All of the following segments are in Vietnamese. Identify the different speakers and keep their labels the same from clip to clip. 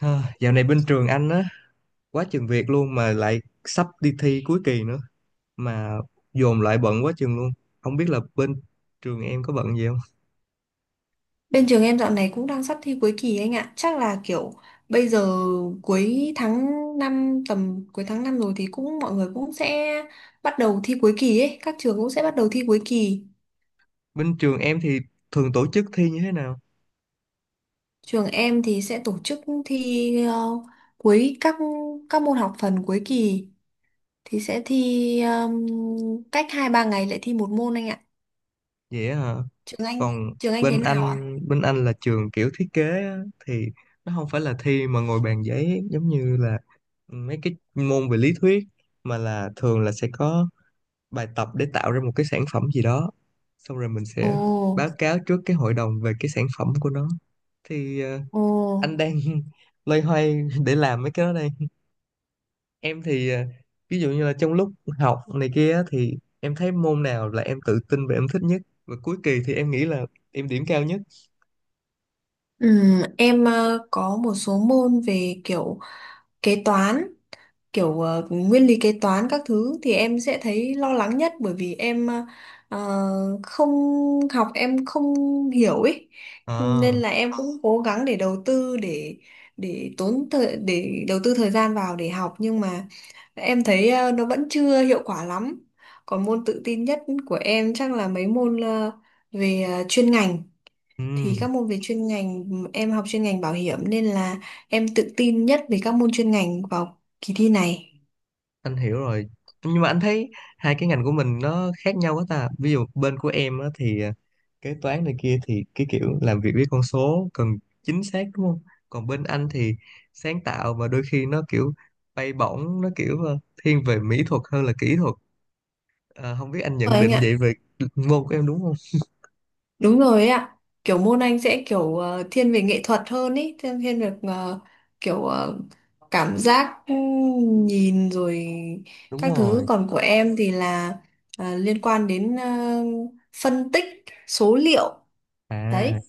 Speaker 1: Ha, dạo này bên trường anh á, quá chừng việc luôn mà lại sắp đi thi cuối kỳ nữa mà dồn lại bận quá chừng luôn. Không biết là bên trường em có bận gì không?
Speaker 2: Bên trường em dạo này cũng đang sắp thi cuối kỳ anh ạ. Chắc là kiểu bây giờ cuối tháng 5 tầm cuối tháng 5 rồi, thì cũng mọi người cũng sẽ bắt đầu thi cuối kỳ ấy, các trường cũng sẽ bắt đầu thi cuối kỳ.
Speaker 1: Bên trường em thì thường tổ chức thi như thế nào?
Speaker 2: Trường em thì sẽ tổ chức thi cuối các các môn học phần cuối kỳ thì sẽ thi cách 2-3 ngày lại thi một môn anh ạ.
Speaker 1: Vậy á hả?
Speaker 2: Trường anh,
Speaker 1: Còn
Speaker 2: trường anh thế
Speaker 1: bên
Speaker 2: nào ạ?
Speaker 1: anh, bên anh là trường kiểu thiết kế á, thì nó không phải là thi mà ngồi bàn giấy giống như là mấy cái môn về lý thuyết, mà là thường là sẽ có bài tập để tạo ra một cái sản phẩm gì đó. Xong rồi mình
Speaker 2: Ồ,
Speaker 1: sẽ báo cáo trước cái hội đồng về cái sản phẩm của nó, thì
Speaker 2: ồ.
Speaker 1: anh đang loay hoay để làm mấy cái đó đây. Em thì ví dụ như là trong lúc học này kia á, thì em thấy môn nào là em tự tin và em thích nhất, và cuối kỳ thì em nghĩ là em điểm cao nhất.
Speaker 2: Em có một số môn về kiểu kế toán, kiểu nguyên lý kế toán các thứ thì em sẽ thấy lo lắng nhất, bởi vì em ờ, không học, em không hiểu ấy, nên
Speaker 1: À,
Speaker 2: là em cũng cố gắng để đầu tư, để đầu tư thời gian vào để học, nhưng mà em thấy nó vẫn chưa hiệu quả lắm. Còn môn tự tin nhất của em chắc là mấy môn về chuyên ngành, thì
Speaker 1: ừm,
Speaker 2: các môn về chuyên ngành, em học chuyên ngành bảo hiểm nên là em tự tin nhất về các môn chuyên ngành vào kỳ thi này
Speaker 1: anh hiểu rồi, nhưng mà anh thấy hai cái ngành của mình nó khác nhau quá ta. Ví dụ bên của em á, thì kế toán này kia thì cái kiểu làm việc với con số cần chính xác, đúng không? Còn bên anh thì sáng tạo, mà đôi khi nó kiểu bay bổng, nó kiểu thiên về mỹ thuật hơn là kỹ thuật. Ờ, Không biết anh
Speaker 2: rồi
Speaker 1: nhận
Speaker 2: anh
Speaker 1: định vậy
Speaker 2: ạ.
Speaker 1: về môn của em đúng không?
Speaker 2: Đúng rồi ấy ạ, kiểu môn anh sẽ kiểu thiên về nghệ thuật hơn ý, thiên thiên về kiểu cảm giác, nhìn rồi
Speaker 1: Đúng
Speaker 2: các thứ,
Speaker 1: rồi.
Speaker 2: còn của em thì là liên quan đến phân tích số liệu
Speaker 1: À,
Speaker 2: đấy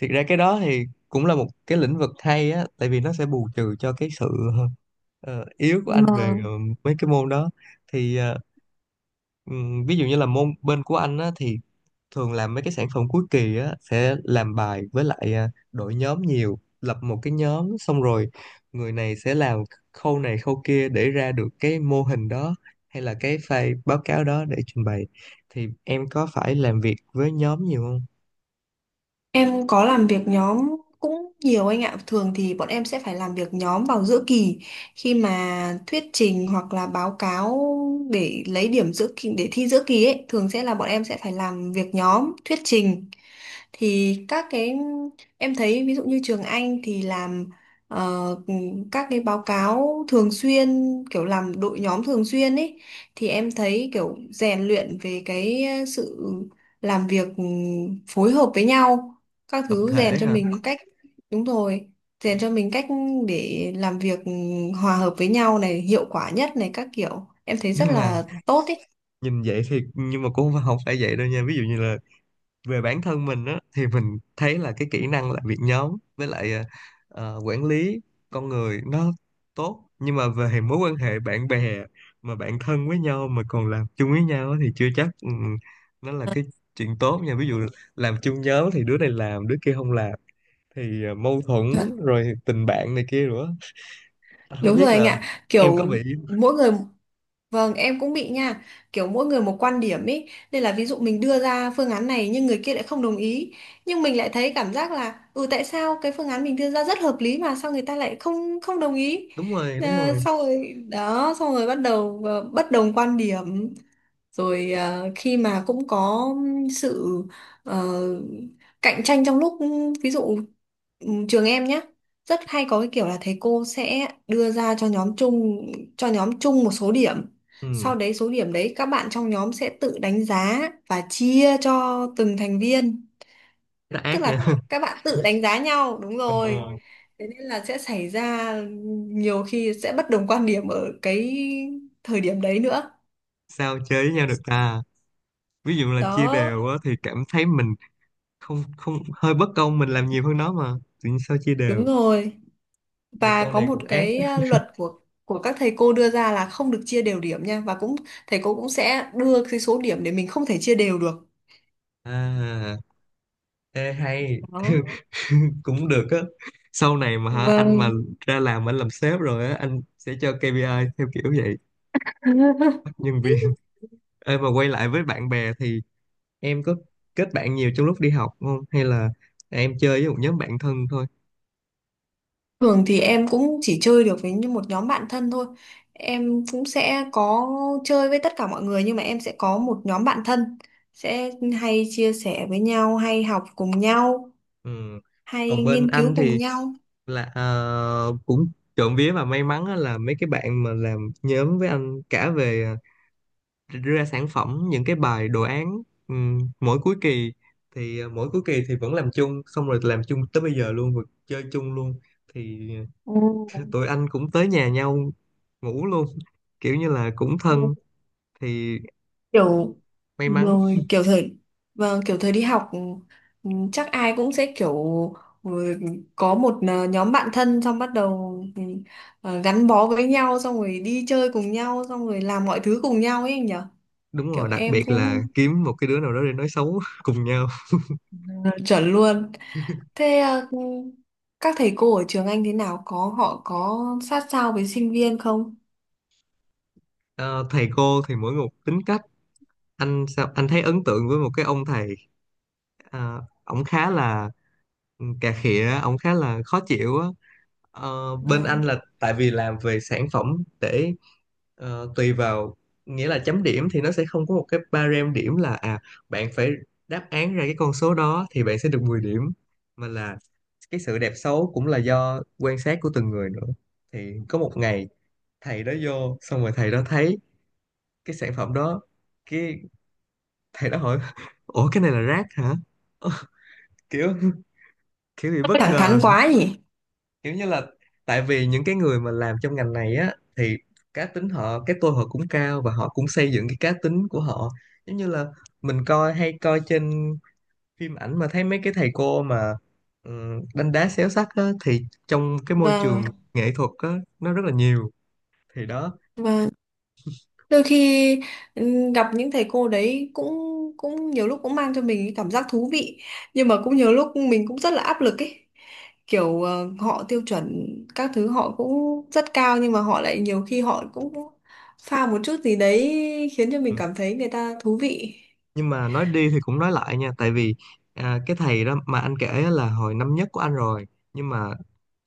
Speaker 1: thiệt ra cái đó thì cũng là một cái lĩnh vực hay á, tại vì nó sẽ bù trừ cho cái sự yếu của anh về
Speaker 2: mà.
Speaker 1: mấy cái môn đó. Thì ví dụ như là môn bên của anh á, thì thường làm mấy cái sản phẩm cuối kỳ á, sẽ làm bài với lại đội nhóm nhiều, lập một cái nhóm xong rồi người này sẽ làm khâu này khâu kia để ra được cái mô hình đó, hay là cái file báo cáo đó để trình bày. Thì em có phải làm việc với nhóm nhiều không?
Speaker 2: Em có làm việc nhóm cũng nhiều anh ạ. Thường thì bọn em sẽ phải làm việc nhóm vào giữa kỳ khi mà thuyết trình hoặc là báo cáo, để lấy điểm giữa kỳ, để thi giữa kỳ ấy, thường sẽ là bọn em sẽ phải làm việc nhóm, thuyết trình. Thì các cái em thấy, ví dụ như trường Anh thì làm ờ, các cái báo cáo thường xuyên, kiểu làm đội nhóm thường xuyên ấy, thì em thấy kiểu rèn luyện về cái sự làm việc, phối hợp với nhau các
Speaker 1: Tập
Speaker 2: thứ, rèn
Speaker 1: thể
Speaker 2: cho
Speaker 1: hả?
Speaker 2: mình cách đúng rồi, rèn cho mình cách để làm việc hòa hợp với nhau này, hiệu quả nhất này, các kiểu em thấy rất
Speaker 1: Nhưng mà
Speaker 2: là tốt ấy.
Speaker 1: nhìn vậy thì nhưng mà cũng không phải vậy đâu nha. Ví dụ như là về bản thân mình á, thì mình thấy là cái kỹ năng làm việc nhóm với lại quản lý con người nó tốt, nhưng mà về mối quan hệ bạn bè mà bạn thân với nhau mà còn làm chung với nhau á, thì chưa chắc nó là cái chuyện tốt nha. Ví dụ làm chung nhóm thì đứa này làm đứa kia không làm, thì mâu thuẫn,
Speaker 2: Dạ.
Speaker 1: rồi tình bạn này kia nữa. Anh không
Speaker 2: Đúng rồi
Speaker 1: biết
Speaker 2: anh
Speaker 1: là
Speaker 2: ạ,
Speaker 1: em có
Speaker 2: kiểu
Speaker 1: bị.
Speaker 2: mỗi người Vâng, em cũng bị nha, kiểu mỗi người một quan điểm ý, nên là ví dụ mình đưa ra phương án này nhưng người kia lại không đồng ý, nhưng mình lại thấy cảm giác là tại sao cái phương án mình đưa ra rất hợp lý mà sao người ta lại không không đồng ý.
Speaker 1: Đúng rồi, đúng
Speaker 2: À,
Speaker 1: rồi,
Speaker 2: sau rồi đó, xong rồi bắt đầu bất đồng quan điểm. Rồi khi mà cũng có sự ờ, cạnh tranh, trong lúc ví dụ trường em nhé, rất hay có cái kiểu là thầy cô sẽ đưa ra cho nhóm chung một số điểm,
Speaker 1: ừ.
Speaker 2: sau đấy số điểm đấy các bạn trong nhóm sẽ tự đánh giá và chia cho từng thành viên.
Speaker 1: Nó
Speaker 2: Tức
Speaker 1: ác nha.
Speaker 2: là các bạn tự đánh giá nhau, đúng rồi.
Speaker 1: Ờ,
Speaker 2: Thế nên là sẽ xảy ra, nhiều khi sẽ bất đồng quan điểm ở cái thời điểm đấy nữa.
Speaker 1: Sao chơi với nhau được ta? Ví dụ là chia
Speaker 2: Đó,
Speaker 1: đều á, thì cảm thấy mình không không hơi bất công, mình làm nhiều hơn nó mà tự nhiên sao chia
Speaker 2: đúng
Speaker 1: đều.
Speaker 2: rồi.
Speaker 1: Thầy
Speaker 2: Và
Speaker 1: con
Speaker 2: có
Speaker 1: này
Speaker 2: một
Speaker 1: cũng ác.
Speaker 2: cái, luật của các thầy cô đưa ra là không được chia đều điểm nha, và cũng thầy cô cũng sẽ đưa cái số điểm để mình không thể chia đều được.
Speaker 1: À, ê hay.
Speaker 2: Đó.
Speaker 1: Cũng được á. Sau này mà hả anh, mà
Speaker 2: Vâng.
Speaker 1: ra làm anh làm sếp rồi á, anh sẽ cho KPI theo kiểu vậy, bắt nhân viên. Ê, mà quay lại với bạn bè thì em có kết bạn nhiều trong lúc đi học không, hay là em chơi với một nhóm bạn thân thôi?
Speaker 2: Thường thì em cũng chỉ chơi được với như một nhóm bạn thân thôi. Em cũng sẽ có chơi với tất cả mọi người nhưng mà em sẽ có một nhóm bạn thân, sẽ hay chia sẻ với nhau, hay học cùng nhau,
Speaker 1: Ừ.
Speaker 2: hay
Speaker 1: Còn bên
Speaker 2: nghiên cứu
Speaker 1: anh
Speaker 2: cùng
Speaker 1: thì
Speaker 2: nhau.
Speaker 1: là cũng trộm vía và may mắn á, là mấy cái bạn mà làm nhóm với anh cả về ra sản phẩm những cái bài đồ án, mỗi cuối kỳ thì vẫn làm chung, xong rồi làm chung tới bây giờ luôn và chơi chung luôn. Thì
Speaker 2: Ồ.
Speaker 1: tụi anh cũng tới nhà nhau ngủ luôn kiểu như là cũng thân, thì
Speaker 2: Kiểu
Speaker 1: may mắn.
Speaker 2: rồi kiểu thời vâng, kiểu thời đi học, chắc ai cũng sẽ kiểu ừ, có một nhóm bạn thân, xong bắt đầu gắn bó với nhau, xong rồi đi chơi cùng nhau, xong rồi làm mọi thứ cùng nhau ấy anh nhở.
Speaker 1: Đúng
Speaker 2: Kiểu
Speaker 1: rồi, đặc
Speaker 2: em
Speaker 1: biệt
Speaker 2: cũng
Speaker 1: là kiếm một cái đứa nào đó để nói xấu cùng nhau.
Speaker 2: Ừ, chuẩn luôn. Thế các thầy cô ở trường anh thế nào? Họ có sát sao với sinh viên không?
Speaker 1: Ờ, Thầy cô thì mỗi một tính cách. Anh sao anh thấy ấn tượng với một cái ông thầy, à, ổng khá là cà khịa, ổng khá là khó chịu á. Bên
Speaker 2: Vâng.
Speaker 1: anh là tại vì làm về sản phẩm, để tùy vào, nghĩa là chấm điểm thì nó sẽ không có một cái barem điểm là bạn phải đáp án ra cái con số đó thì bạn sẽ được 10 điểm, mà là cái sự đẹp xấu cũng là do quan sát của từng người nữa. Thì có một ngày thầy đó vô xong rồi thầy đó thấy cái sản phẩm đó, cái thầy đó hỏi, ủa cái này là rác hả? Kiểu kiểu bị bất
Speaker 2: Thẳng thắn
Speaker 1: ngờ,
Speaker 2: quá nhỉ?
Speaker 1: kiểu như là tại vì những cái người mà làm trong ngành này á, thì cá tính họ, cái tôi họ cũng cao, và họ cũng xây dựng cái cá tính của họ. Giống như là mình coi hay coi trên phim ảnh mà thấy mấy cái thầy cô mà đánh đá xéo sắc á, thì trong cái môi
Speaker 2: Vâng,
Speaker 1: trường nghệ thuật á nó rất là nhiều. Thì đó.
Speaker 2: vâng. Đôi khi gặp những thầy cô đấy cũng cũng nhiều lúc cũng mang cho mình cái cảm giác thú vị, nhưng mà cũng nhiều lúc mình cũng rất là áp lực ấy. Kiểu họ tiêu chuẩn các thứ họ cũng rất cao, nhưng mà họ lại nhiều khi họ cũng pha một chút gì đấy khiến cho mình
Speaker 1: Ừ.
Speaker 2: cảm thấy người ta thú vị.
Speaker 1: Nhưng mà nói đi thì cũng nói lại nha, tại vì cái thầy đó mà anh kể á là hồi năm nhất của anh rồi, nhưng mà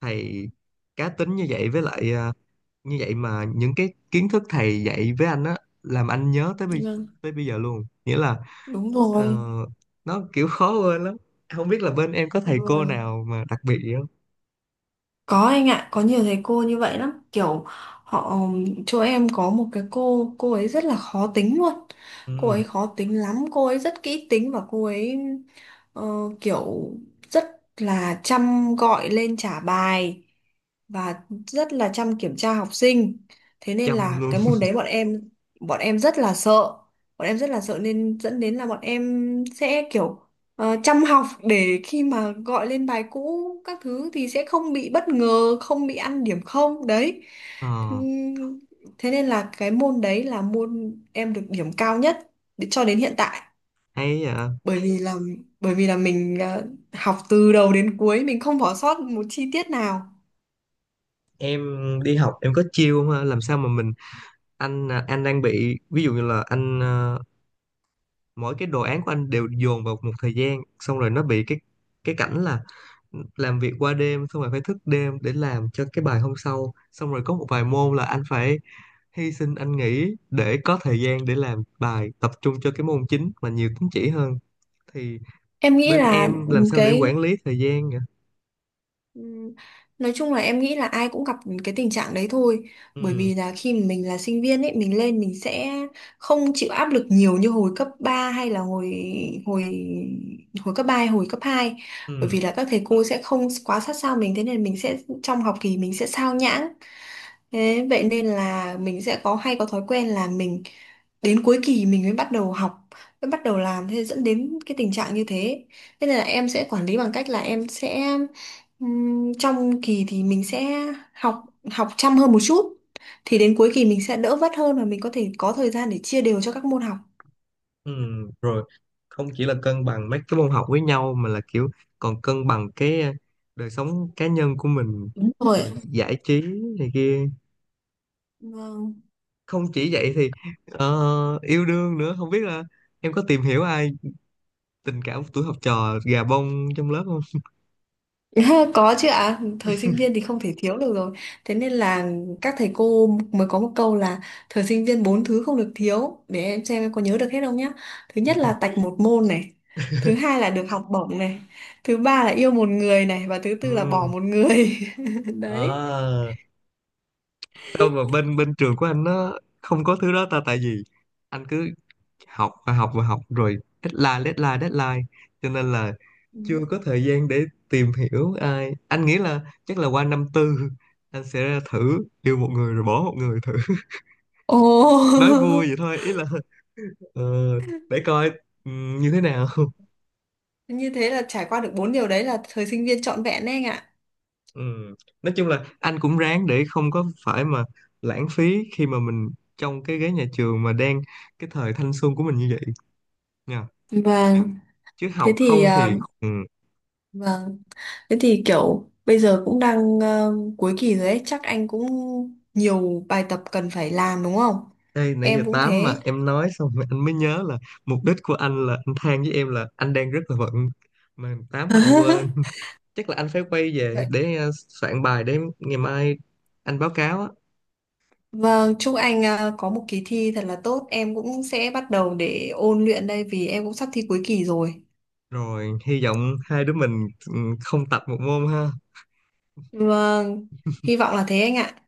Speaker 1: thầy cá tính như vậy, với lại như vậy, mà những cái kiến thức thầy dạy với anh á làm anh nhớ
Speaker 2: Vâng,
Speaker 1: tới bây giờ luôn, nghĩa là
Speaker 2: đúng
Speaker 1: ờ,
Speaker 2: rồi.
Speaker 1: nó kiểu khó quên lắm. Không biết là bên em có thầy cô
Speaker 2: Ừ.
Speaker 1: nào mà đặc biệt gì không?
Speaker 2: Có anh ạ, có nhiều thầy cô như vậy lắm. Kiểu họ chỗ em có một cái cô ấy rất là khó tính luôn. Cô
Speaker 1: Ừ,
Speaker 2: ấy khó tính lắm, cô ấy rất kỹ tính, và cô ấy ờ, kiểu rất là chăm gọi lên trả bài và rất là chăm kiểm tra học sinh. Thế nên
Speaker 1: chăm
Speaker 2: là
Speaker 1: luôn.
Speaker 2: cái môn đấy, bọn em rất là sợ, bọn em rất là sợ nên dẫn đến là bọn em sẽ kiểu chăm học, để khi mà gọi lên bài cũ các thứ thì sẽ không bị bất ngờ, không bị ăn điểm không đấy.
Speaker 1: Ờ,
Speaker 2: Ừm, thế nên là cái môn đấy là môn em được điểm cao nhất cho đến hiện tại,
Speaker 1: hay vậy.
Speaker 2: bởi vì là, mình học từ đầu đến cuối mình không bỏ sót một chi tiết nào.
Speaker 1: Em đi học em có chiêu không ha? Làm sao mà mình, anh à, anh đang bị, ví dụ như là anh à, mỗi cái đồ án của anh đều dồn vào một thời gian, xong rồi nó bị cái cảnh là làm việc qua đêm, xong rồi phải thức đêm để làm cho cái bài hôm sau, xong rồi có một vài môn là anh phải hy sinh, anh nghỉ để có thời gian để làm bài tập trung cho cái môn chính mà nhiều tín chỉ hơn. Thì
Speaker 2: Em nghĩ
Speaker 1: bên
Speaker 2: là
Speaker 1: em làm sao để
Speaker 2: cái
Speaker 1: quản lý thời gian nhỉ?
Speaker 2: Ừm, Nói chung là em nghĩ là ai cũng gặp cái tình trạng đấy thôi, bởi
Speaker 1: Ừ,
Speaker 2: vì là khi mà mình là sinh viên ấy, mình lên mình sẽ không chịu áp lực nhiều như hồi cấp ba, hay là hồi hồi hồi cấp 3 hay hồi cấp hai, bởi
Speaker 1: ừ,
Speaker 2: vì là các thầy cô sẽ không quá sát sao mình, thế nên mình sẽ, trong học kỳ mình sẽ sao nhãng, thế vậy nên là mình sẽ có, hay có thói quen là mình đến cuối kỳ mình mới bắt đầu học, mới bắt đầu làm, thế dẫn đến cái tình trạng như thế. Thế nên là em sẽ quản lý bằng cách là em sẽ trong kỳ thì mình sẽ học học chăm hơn một chút, thì đến cuối kỳ mình sẽ đỡ vất hơn, và mình có thể có thời gian để chia đều cho các môn học.
Speaker 1: ừ. Rồi, không chỉ là cân bằng mấy cái môn học với nhau mà là kiểu còn cân bằng cái đời sống cá nhân của mình,
Speaker 2: Đúng rồi
Speaker 1: rồi
Speaker 2: ạ.
Speaker 1: giải trí này kia.
Speaker 2: Vâng.
Speaker 1: Không chỉ vậy thì yêu đương nữa, không biết là em có tìm hiểu ai, tình cảm của tuổi học trò gà bông trong lớp không?
Speaker 2: Có chứ ạ, thời sinh viên thì không thể thiếu được rồi. Thế nên là các thầy cô mới có một câu là, thời sinh viên bốn thứ không được thiếu, để em xem em có nhớ được hết không nhá. Thứ nhất là tạch một môn này, thứ hai là được học bổng này, thứ ba là yêu một người này, và thứ
Speaker 1: Ừ.
Speaker 2: tư là bỏ một người. Đấy.
Speaker 1: Ờ, Sao mà bên bên trường của anh nó không có thứ đó ta? Tại vì anh cứ học và học và học, rồi deadline deadline deadline, cho nên là
Speaker 2: Ừ.
Speaker 1: chưa có thời gian để tìm hiểu ai. Anh nghĩ là chắc là qua năm tư anh sẽ ra thử yêu một người rồi bỏ một người thử.
Speaker 2: Ồ.
Speaker 1: Nói vui vậy thôi, ý là ờ, để coi ừ, như thế nào.
Speaker 2: Như thế là trải qua được bốn điều đấy là thời sinh viên trọn vẹn đấy anh ạ.
Speaker 1: Ừ. Nói chung là anh cũng ráng để không có phải mà lãng phí khi mà mình trong cái ghế nhà trường mà đang cái thời thanh xuân của mình như vậy nha.
Speaker 2: Vâng,
Speaker 1: Chứ
Speaker 2: thế
Speaker 1: học
Speaker 2: thì
Speaker 1: không thì ừ.
Speaker 2: vâng, thế thì kiểu bây giờ cũng đang cuối kỳ rồi ấy, chắc anh cũng nhiều bài tập cần phải làm đúng không?
Speaker 1: Đây nãy giờ
Speaker 2: Em cũng
Speaker 1: 8 mà
Speaker 2: thế.
Speaker 1: em nói xong rồi anh mới nhớ là mục đích của anh là anh than với em là anh đang rất là bận mà 8 mà anh quên. Chắc là anh phải quay về
Speaker 2: Vậy.
Speaker 1: để soạn bài để ngày mai anh báo cáo á.
Speaker 2: Vâng, chúc anh có một kỳ thi thật là tốt, em cũng sẽ bắt đầu để ôn luyện đây, vì em cũng sắp thi cuối kỳ rồi.
Speaker 1: Rồi hy vọng hai đứa mình ừ, không tập một môn ha.
Speaker 2: Vâng, hy vọng là thế anh ạ.